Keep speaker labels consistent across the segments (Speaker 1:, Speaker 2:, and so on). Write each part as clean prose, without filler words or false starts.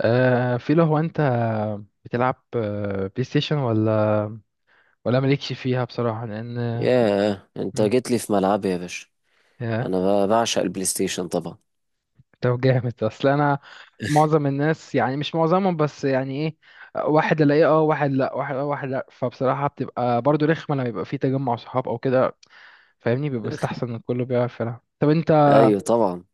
Speaker 1: في لو هو انت بتلعب بلاي ستيشن ولا مالكش فيها بصراحة لان
Speaker 2: ياه، انت
Speaker 1: مم،
Speaker 2: جيت لي في ملعبي يا باشا.
Speaker 1: يا
Speaker 2: انا بعشق البلاي ستيشن طبعا.
Speaker 1: طب جامد، اصل انا معظم الناس يعني مش معظمهم بس يعني ايه، واحد الاقيه اه واحد لا واحد اه واحد لا، فبصراحة بتبقى برضو رخمة لما يبقى في تجمع صحاب او كده. فاهمني بيبقى استحسن ان كله بيعرف يلعب. طب انت
Speaker 2: ايوه طبعا.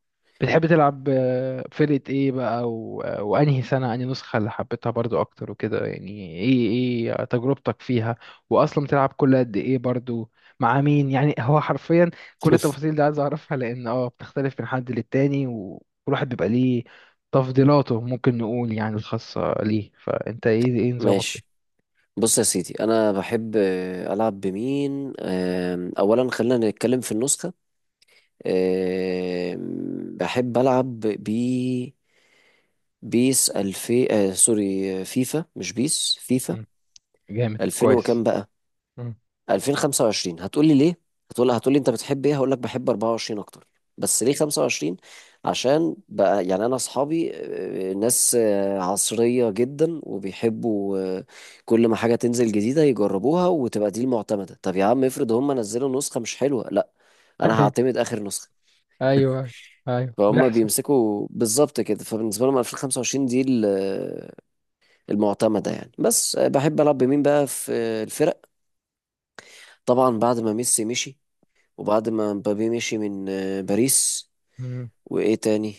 Speaker 1: بتحب تلعب فرقة ايه بقى وانهي سنة، انهي نسخة اللي حبيتها برضو اكتر وكده يعني؟ ايه ايه تجربتك فيها؟ واصلا بتلعب كل قد ايه برضو؟ مع مين يعني؟ هو حرفيا كل التفاصيل دي عايز اعرفها، لان اه بتختلف من حد للتاني وكل واحد بيبقى ليه تفضيلاته، ممكن نقول يعني الخاصة ليه. فانت ايه ايه نظامك
Speaker 2: ماشي.
Speaker 1: فيه؟
Speaker 2: بص يا سيدي، انا بحب العب بمين، اولا خلينا نتكلم في النسخه. بحب العب بيس الفي، سوري، فيفا، مش بيس فيفا.
Speaker 1: مم. جامد،
Speaker 2: 2000
Speaker 1: كويس.
Speaker 2: وكام بقى؟
Speaker 1: مم.
Speaker 2: 2025. هتقولي ليه؟ هتقولي انت بتحب ايه؟ هقول لك بحب 24 اكتر. بس ليه 25؟ عشان بقى يعني انا اصحابي ناس عصرية جدا، وبيحبوا كل ما حاجة تنزل جديدة يجربوها وتبقى دي المعتمدة. طب يا عم، افرض هم نزلوا نسخة مش حلوة؟ لا، انا هعتمد اخر نسخة.
Speaker 1: ايوه ايوه ايوه،
Speaker 2: فهم
Speaker 1: بيحصل.
Speaker 2: بيمسكوا بالظبط كده. فبالنسبة لهم 2025 دي المعتمدة يعني. بس بحب ألعب بمين بقى في الفرق. طبعا بعد ما ميسي مشي، وبعد ما مبابي مشي من باريس.
Speaker 1: مم.
Speaker 2: وايه تاني؟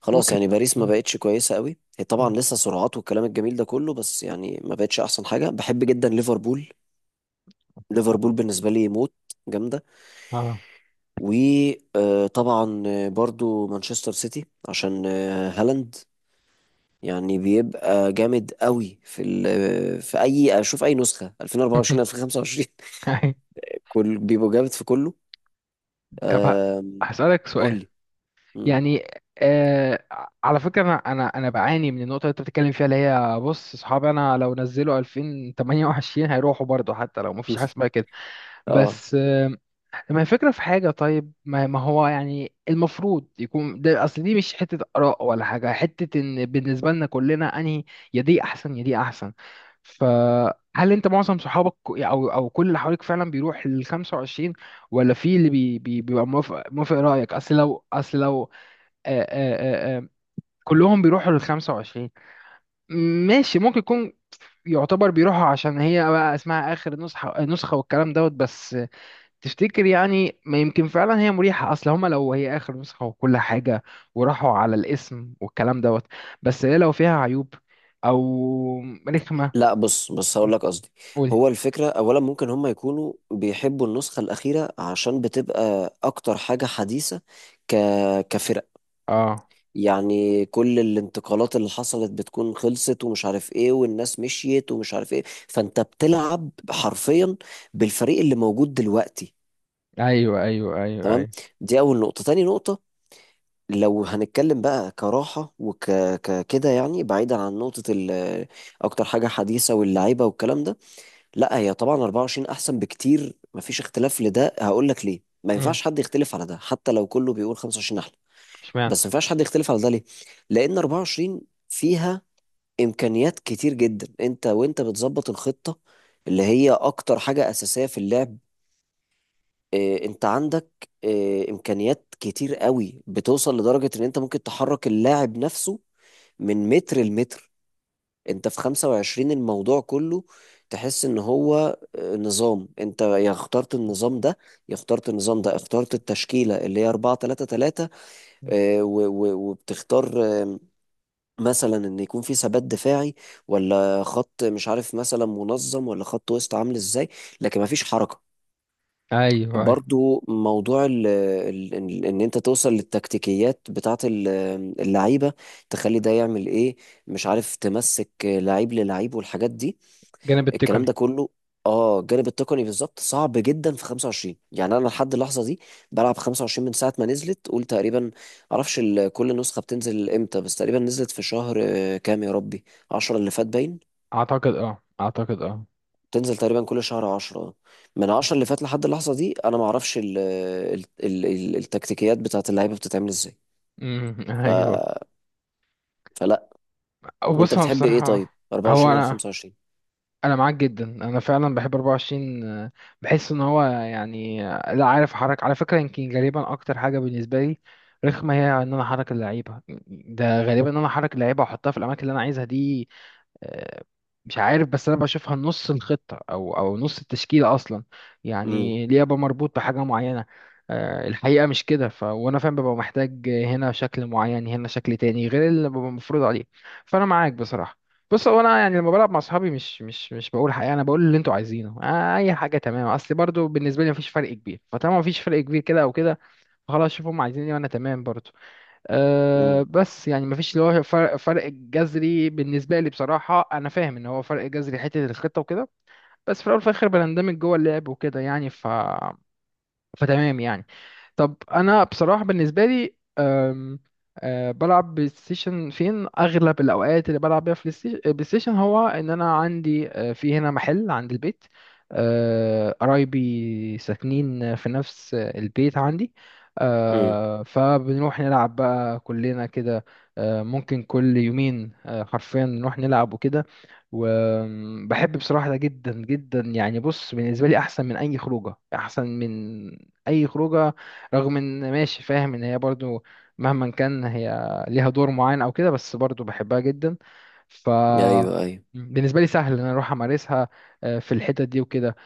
Speaker 2: خلاص
Speaker 1: اوكي.
Speaker 2: يعني باريس ما
Speaker 1: مم.
Speaker 2: بقتش كويسه قوي. هي طبعا
Speaker 1: مم.
Speaker 2: لسه سرعات والكلام الجميل ده كله، بس يعني ما بقتش احسن حاجه. بحب جدا ليفربول. ليفربول
Speaker 1: اه.
Speaker 2: بالنسبه لي موت، جامده.
Speaker 1: اه.
Speaker 2: وطبعا برضو مانشستر سيتي عشان هالاند. يعني بيبقى جامد قوي في في اي، اشوف اي نسخه 2024، 2025.
Speaker 1: أي.
Speaker 2: كل بيبقوا جامد في كله.
Speaker 1: طب
Speaker 2: آم،
Speaker 1: هسألك
Speaker 2: قول
Speaker 1: سؤال.
Speaker 2: لي. مم.
Speaker 1: يعني آه على فكرة، أنا بعاني من النقطة اللي أنت بتتكلم فيها، اللي هي بص، أصحابي أنا لو نزلوا 2028 هيروحوا برضه حتى لو مفيش حاجة اسمها كده.
Speaker 2: اه.
Speaker 1: بس ما هي فكرة في حاجة. طيب ما هو يعني المفروض يكون ده أصل، دي مش حتة آراء ولا حاجة، حتة إن بالنسبة لنا كلنا أنهي يا دي أحسن يا دي أحسن. فهل أنت معظم صحابك أو كل اللي حواليك فعلا بيروح لل 25، ولا في اللي بي بيبقى موافق رأيك؟ أصل لو، أصل لو، آآ آآ آآ كلهم بيروحوا لل 25 ماشي، ممكن يكون يعتبر بيروحوا عشان هي بقى اسمها آخر نسخة والكلام دوت بس. تفتكر يعني ما يمكن فعلا هي مريحة؟ اصل هما لو هي اخر نسخة وكل حاجة وراحوا على الاسم والكلام دوت، بس هي لو فيها عيوب او رخمة.
Speaker 2: لا بص بص، هقول لك قصدي.
Speaker 1: قولي.
Speaker 2: هو الفكرة أولا ممكن هم يكونوا بيحبوا النسخة الأخيرة عشان بتبقى أكتر حاجة حديثة، ك... كفرق
Speaker 1: اه
Speaker 2: يعني. كل الانتقالات اللي حصلت بتكون خلصت ومش عارف إيه، والناس مشيت ومش عارف إيه. فأنت بتلعب حرفيا بالفريق اللي موجود دلوقتي.
Speaker 1: ايوه ايوه ايوه
Speaker 2: تمام.
Speaker 1: ايوه.
Speaker 2: دي أول نقطة. تاني نقطة، لو هنتكلم بقى كراحة كده يعني، بعيدا عن نقطة أكتر حاجة حديثة واللعيبة والكلام ده، لا هي طبعا 24 احسن بكتير، مفيش اختلاف لده. هقول لك ليه ما
Speaker 1: امم.
Speaker 2: ينفعش حد يختلف على ده حتى لو كله بيقول 25 احلى.
Speaker 1: اشمعنى؟
Speaker 2: بس ما ينفعش حد يختلف على ده ليه؟ لان 24 فيها امكانيات كتير جدا. انت وانت بتظبط الخطة، اللي هي اكتر حاجة اساسية في اللعب، اه انت عندك اه امكانيات كتير قوي. بتوصل لدرجة ان انت ممكن تحرك اللاعب نفسه من متر لمتر. انت في 25 الموضوع كله تحس ان هو نظام. انت يا اخترت النظام ده، يا اخترت النظام ده. اخترت التشكيلة اللي هي 4 3 3،
Speaker 1: مم.
Speaker 2: اه، و- و- وبتختار اه، مثلا ان يكون في ثبات دفاعي، ولا خط مش عارف مثلا منظم، ولا خط وسط عامل ازاي. لكن مفيش حركة.
Speaker 1: ايوه ايوه.
Speaker 2: برضو موضوع ان انت توصل للتكتيكيات بتاعت اللعيبة، تخلي ده يعمل ايه. مش عارف تمسك لعيب للعيب والحاجات دي،
Speaker 1: الجانب
Speaker 2: الكلام
Speaker 1: التقني.
Speaker 2: ده كله. اه، الجانب التقني بالظبط صعب جدا في 25. يعني انا لحد اللحظه دي بلعب 25 من ساعه ما نزلت قول تقريبا. معرفش كل نسخه بتنزل امتى، بس تقريبا نزلت في شهر كام يا ربي، 10 اللي فات باين.
Speaker 1: اعتقد اه، اعتقد اه.
Speaker 2: تنزل تقريبا كل شهر 10. من 10 اللي فات لحد اللحظه دي، انا ما اعرفش ال ال ال ال التكتيكيات بتاعت اللعيبه بتتعمل ازاي.
Speaker 1: امم
Speaker 2: ف-
Speaker 1: ايوه.
Speaker 2: فلا.
Speaker 1: أو
Speaker 2: انت
Speaker 1: بص هو
Speaker 2: بتحب ايه طيب،
Speaker 1: بصراحة، هو
Speaker 2: 24 ولا
Speaker 1: انا،
Speaker 2: 25؟
Speaker 1: انا معاك جدا. انا فعلا بحب 24، بحس ان هو يعني، لا عارف احرك على فكره، يمكن غالبا اكتر حاجه بالنسبه لي رخمه هي ان انا احرك اللعيبه. ده غالبا ان انا احرك اللعيبه واحطها في الاماكن اللي انا عايزها دي. آه، مش عارف بس انا بشوفها نص الخطه او او نص التشكيله اصلا.
Speaker 2: امم
Speaker 1: يعني ليه ابقى مربوط بحاجه معينه؟ الحقيقه مش كده. ف وانا فاهم ببقى محتاج هنا شكل معين هنا شكل تاني غير اللي ببقى مفروض عليه. فانا معاك بصراحه. بص هو انا يعني لما بلعب مع اصحابي، مش بقول حقيقه انا بقول اللي انتوا عايزينه، اي حاجه تمام، اصل برضو بالنسبه لي مفيش فرق كبير، فطالما مفيش فرق كبير كده او كده خلاص شوف هم عايزين ايه وانا تمام برضو. أه،
Speaker 2: امم
Speaker 1: بس يعني مفيش اللي هو فرق جذري بالنسبة لي بصراحة. أنا فاهم إن هو فرق جذري حتة الخطة وكده، بس في الأول وفي الآخر بنندمج جوه اللعب وكده يعني. ف فتمام يعني. طب انا بصراحه بالنسبه لي بلعب بلاي ستيشن، فين اغلب الاوقات اللي بلعب بيها في بلاي ستيشن، هو ان انا عندي في هنا محل عند البيت. قرايبي ساكنين في نفس البيت عندي،
Speaker 2: امم،
Speaker 1: فبنروح نلعب بقى كلنا كده. ممكن كل يومين حرفيا نروح نلعب وكده. وبحب بصراحة ده جدا جدا. يعني بص بالنسبة لي أحسن من أي خروجة، أحسن من اي خروجه. رغم ان ماشي فاهم ان هي برضو مهما كان هي ليها دور معين او كده، بس برضو بحبها جدا. ف
Speaker 2: ايوه ايوه.
Speaker 1: بالنسبه لي سهل ان انا اروح امارسها في الحتت دي وكده.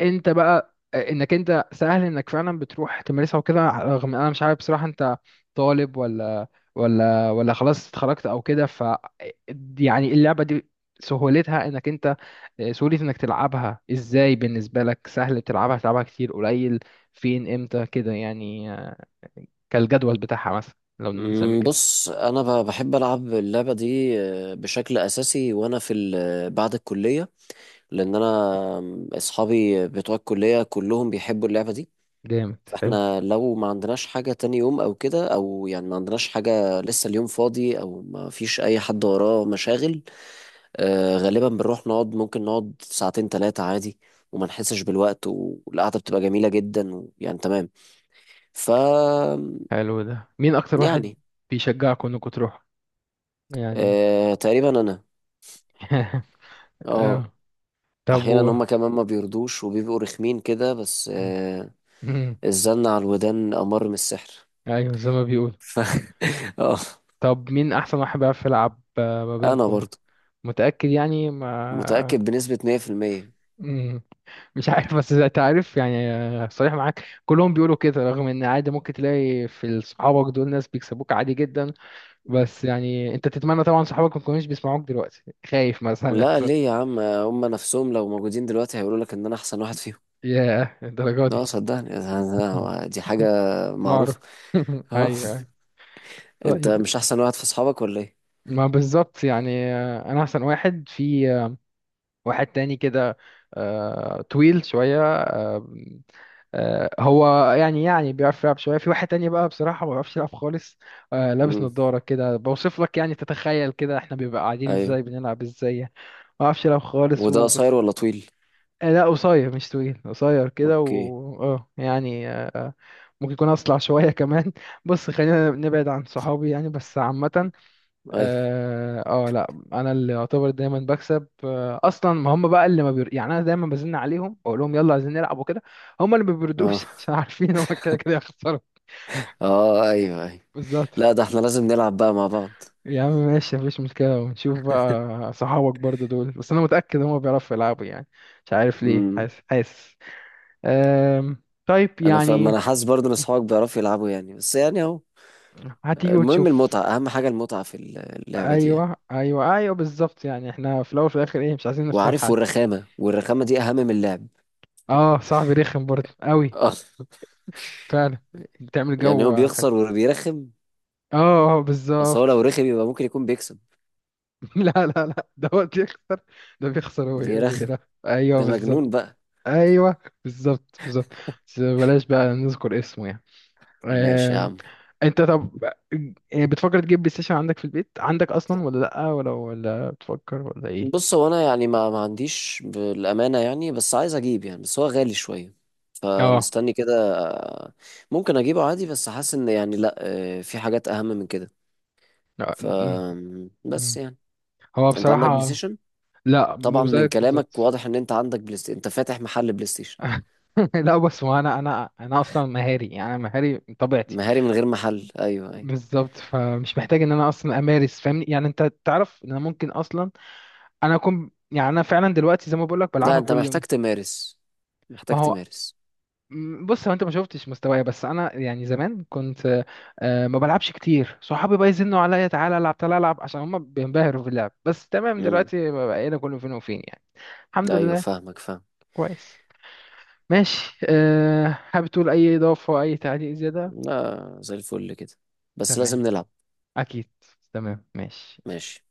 Speaker 1: انت بقى انك انت سهل انك فعلا بتروح تمارسها وكده؟ رغم انا مش عارف بصراحة انت طالب ولا ولا ولا خلاص اتخرجت او كده. ف يعني اللعبة دي سهولتها انك انت، سهولة انك تلعبها ازاي بالنسبة لك، سهل تلعبها، تلعبها كتير قليل، فين امتى كده يعني، كالجدول بتاعها مثلا لو نسمي
Speaker 2: مم،
Speaker 1: كده.
Speaker 2: بص انا بحب العب اللعبه دي بشكل اساسي وانا في بعد الكليه، لان انا اصحابي بتوع الكليه كلهم بيحبوا اللعبه دي.
Speaker 1: جامد، حلو.
Speaker 2: فاحنا لو ما عندناش حاجه تاني يوم او كده، او يعني ما عندناش حاجه لسه، اليوم فاضي او ما فيش اي حد وراه مشاغل، غالبا بنروح نقعد، ممكن نقعد ساعتين ثلاثه عادي وما نحسش بالوقت. والقعده بتبقى جميله جدا يعني، تمام. ف
Speaker 1: حلو. ده مين اكتر واحد
Speaker 2: يعني
Speaker 1: بيشجعكم انكم تروحوا يعني؟
Speaker 2: تقريبا انا. اه.
Speaker 1: اه. طب
Speaker 2: احيانا
Speaker 1: و.
Speaker 2: هما كمان ما بيرضوش وبيبقوا رخمين كده، بس الزن على الودان امر من السحر.
Speaker 1: ايوه، زي ما بيقول.
Speaker 2: ف... اه.
Speaker 1: طب مين احسن واحد بيعرف يلعب ما
Speaker 2: انا
Speaker 1: بينكم؟
Speaker 2: برضو
Speaker 1: متأكد يعني؟ ما
Speaker 2: متاكد بنسبه 100%.
Speaker 1: مم. مش عارف بس انت عارف يعني، صريح معاك، كلهم بيقولوا كده رغم ان عادي ممكن تلاقي في صحابك دول ناس بيكسبوك عادي جدا. بس يعني انت تتمنى طبعا صحابك ما يكونوش بيسمعوك دلوقتي خايف مثلا.
Speaker 2: لا ليه يا عم؟ هما نفسهم لو موجودين دلوقتي هيقولوا لك ان انا احسن واحد فيهم.
Speaker 1: يا الدرجة دي؟
Speaker 2: لا صدقني، دي حاجه
Speaker 1: معرف.
Speaker 2: معروفه. اه.
Speaker 1: ايوه، أيوة.
Speaker 2: انت
Speaker 1: طيب.
Speaker 2: مش احسن واحد في اصحابك ولا ايه؟
Speaker 1: ما بالظبط يعني، انا احسن واحد في. واحد تاني كده طويل شوية، هو يعني يعني بيعرف يلعب شوية. في واحد تاني بقى بصراحة ما بيعرفش يلعب خالص، لابس
Speaker 2: امم.
Speaker 1: نظارة كده بوصف لك. يعني تتخيل كده احنا بيبقى قاعدين
Speaker 2: ايوه.
Speaker 1: ازاي بنلعب ازاي يعني. ما بيعرفش يلعب خالص
Speaker 2: وده
Speaker 1: وبس.
Speaker 2: قصير ولا طويل؟
Speaker 1: لا قصير، مش طويل، قصير كده.
Speaker 2: اوكي.
Speaker 1: و اه يعني ممكن يكون اصلع شوية كمان. بص خلينا نبعد عن صحابي يعني بس عامة.
Speaker 2: ايوه.
Speaker 1: اه لا انا اللي يعتبر دايما بكسب، اصلا ما هم بقى اللي ما بير... يعني انا دايما بزن عليهم واقول لهم يلا عايزين نلعب وكده. هم اللي ما
Speaker 2: اه.
Speaker 1: بيردوش عشان عارفين هم كده كده هيخسروا.
Speaker 2: اه ايوه ايوه.
Speaker 1: بالظبط.
Speaker 2: لا، ده احنا لازم نلعب بقى مع بعض.
Speaker 1: يا عم ماشي مفيش مشكله، ونشوف بقى صحابك برضو دول، بس انا متاكد هم بيعرفوا يلعبوا يعني. مش عارف ليه
Speaker 2: امم.
Speaker 1: حاسس، حاسس. طيب
Speaker 2: انا ما
Speaker 1: يعني.
Speaker 2: انا حاسس برضه ان اصحابك بيعرفوا يلعبوا يعني، بس يعني اهو.
Speaker 1: هتيجي
Speaker 2: المهم
Speaker 1: وتشوف.
Speaker 2: المتعه، اهم حاجه المتعه في اللعبه دي يعني.
Speaker 1: ايوه ايوه ايوه بالظبط. يعني احنا في الاول وفي الاخر ايه، مش عايزين نخسر
Speaker 2: وعارف،
Speaker 1: حد.
Speaker 2: والرخامه، والرخامه دي اهم من اللعب.
Speaker 1: اه صاحبي رخم برضه قوي
Speaker 2: آه.
Speaker 1: فعلا. بتعمل
Speaker 2: يعني هو
Speaker 1: جو حاجة.
Speaker 2: بيخسر وبيرخم.
Speaker 1: اه
Speaker 2: اصل هو
Speaker 1: بالظبط.
Speaker 2: لو رخم يبقى ممكن يكون بيكسب.
Speaker 1: لا لا لا، ده هو بيخسر. ده بيخسر
Speaker 2: وبيرخم.
Speaker 1: ويرا. ايوه
Speaker 2: ده
Speaker 1: بالظبط.
Speaker 2: مجنون بقى.
Speaker 1: ايوه بالظبط بالظبط. بس بلاش بقى نذكر اسمه يعني.
Speaker 2: ماشي يا
Speaker 1: آم،
Speaker 2: عم.
Speaker 1: انت طب بتفكر تجيب بلاي ستيشن عندك في البيت؟ عندك اصلا ولا لا؟ ولا ولا بتفكر ولا ايه؟
Speaker 2: بص هو انا يعني ما عنديش بالامانه يعني، بس عايز اجيب يعني، بس هو غالي شويه
Speaker 1: اه.
Speaker 2: فمستني كده. ممكن اجيبه عادي بس حاسس ان يعني لا، في حاجات اهم من كده.
Speaker 1: لا
Speaker 2: ف، بس
Speaker 1: مم.
Speaker 2: يعني،
Speaker 1: هو
Speaker 2: انت عندك بلاي
Speaker 1: بصراحة.
Speaker 2: ستيشن؟
Speaker 1: لا
Speaker 2: طبعا
Speaker 1: مو
Speaker 2: من
Speaker 1: زيك
Speaker 2: كلامك
Speaker 1: بالظبط.
Speaker 2: واضح ان انت عندك بلاي ستيشن، انت فاتح محل بلاي ستيشن.
Speaker 1: لا بس هو انا، انا اصلا مهاري. يعني انا مهاري من طبيعتي.
Speaker 2: مهاري من غير محل، ايوه ايوه.
Speaker 1: بالظبط، فمش محتاج ان انا اصلا امارس. فاهمني يعني، انت تعرف ان انا ممكن اصلا، انا اكون يعني انا فعلا دلوقتي زي ما بقول لك
Speaker 2: لا
Speaker 1: بلعبها
Speaker 2: انت
Speaker 1: كل
Speaker 2: محتاج
Speaker 1: يوم.
Speaker 2: تمارس،
Speaker 1: ما
Speaker 2: محتاج
Speaker 1: هو
Speaker 2: تمارس.
Speaker 1: بص هو انت ما شفتش مستواي، بس انا يعني زمان كنت ما بلعبش كتير، صحابي بقى يزنوا عليا تعالى العب تعالى العب عشان هم بينبهروا في اللعب، بس تمام
Speaker 2: امم.
Speaker 1: دلوقتي بقينا كله فين وفين يعني. الحمد
Speaker 2: ايوه،
Speaker 1: لله.
Speaker 2: فاهمك، فاهم.
Speaker 1: كويس. ماشي. أه حابب تقول اي اضافه، اي تعليق، زياده؟
Speaker 2: لا، زي الفل كده. بس
Speaker 1: تمام.
Speaker 2: لازم نلعب.
Speaker 1: اكيد. تمام ماشي.
Speaker 2: ماشي.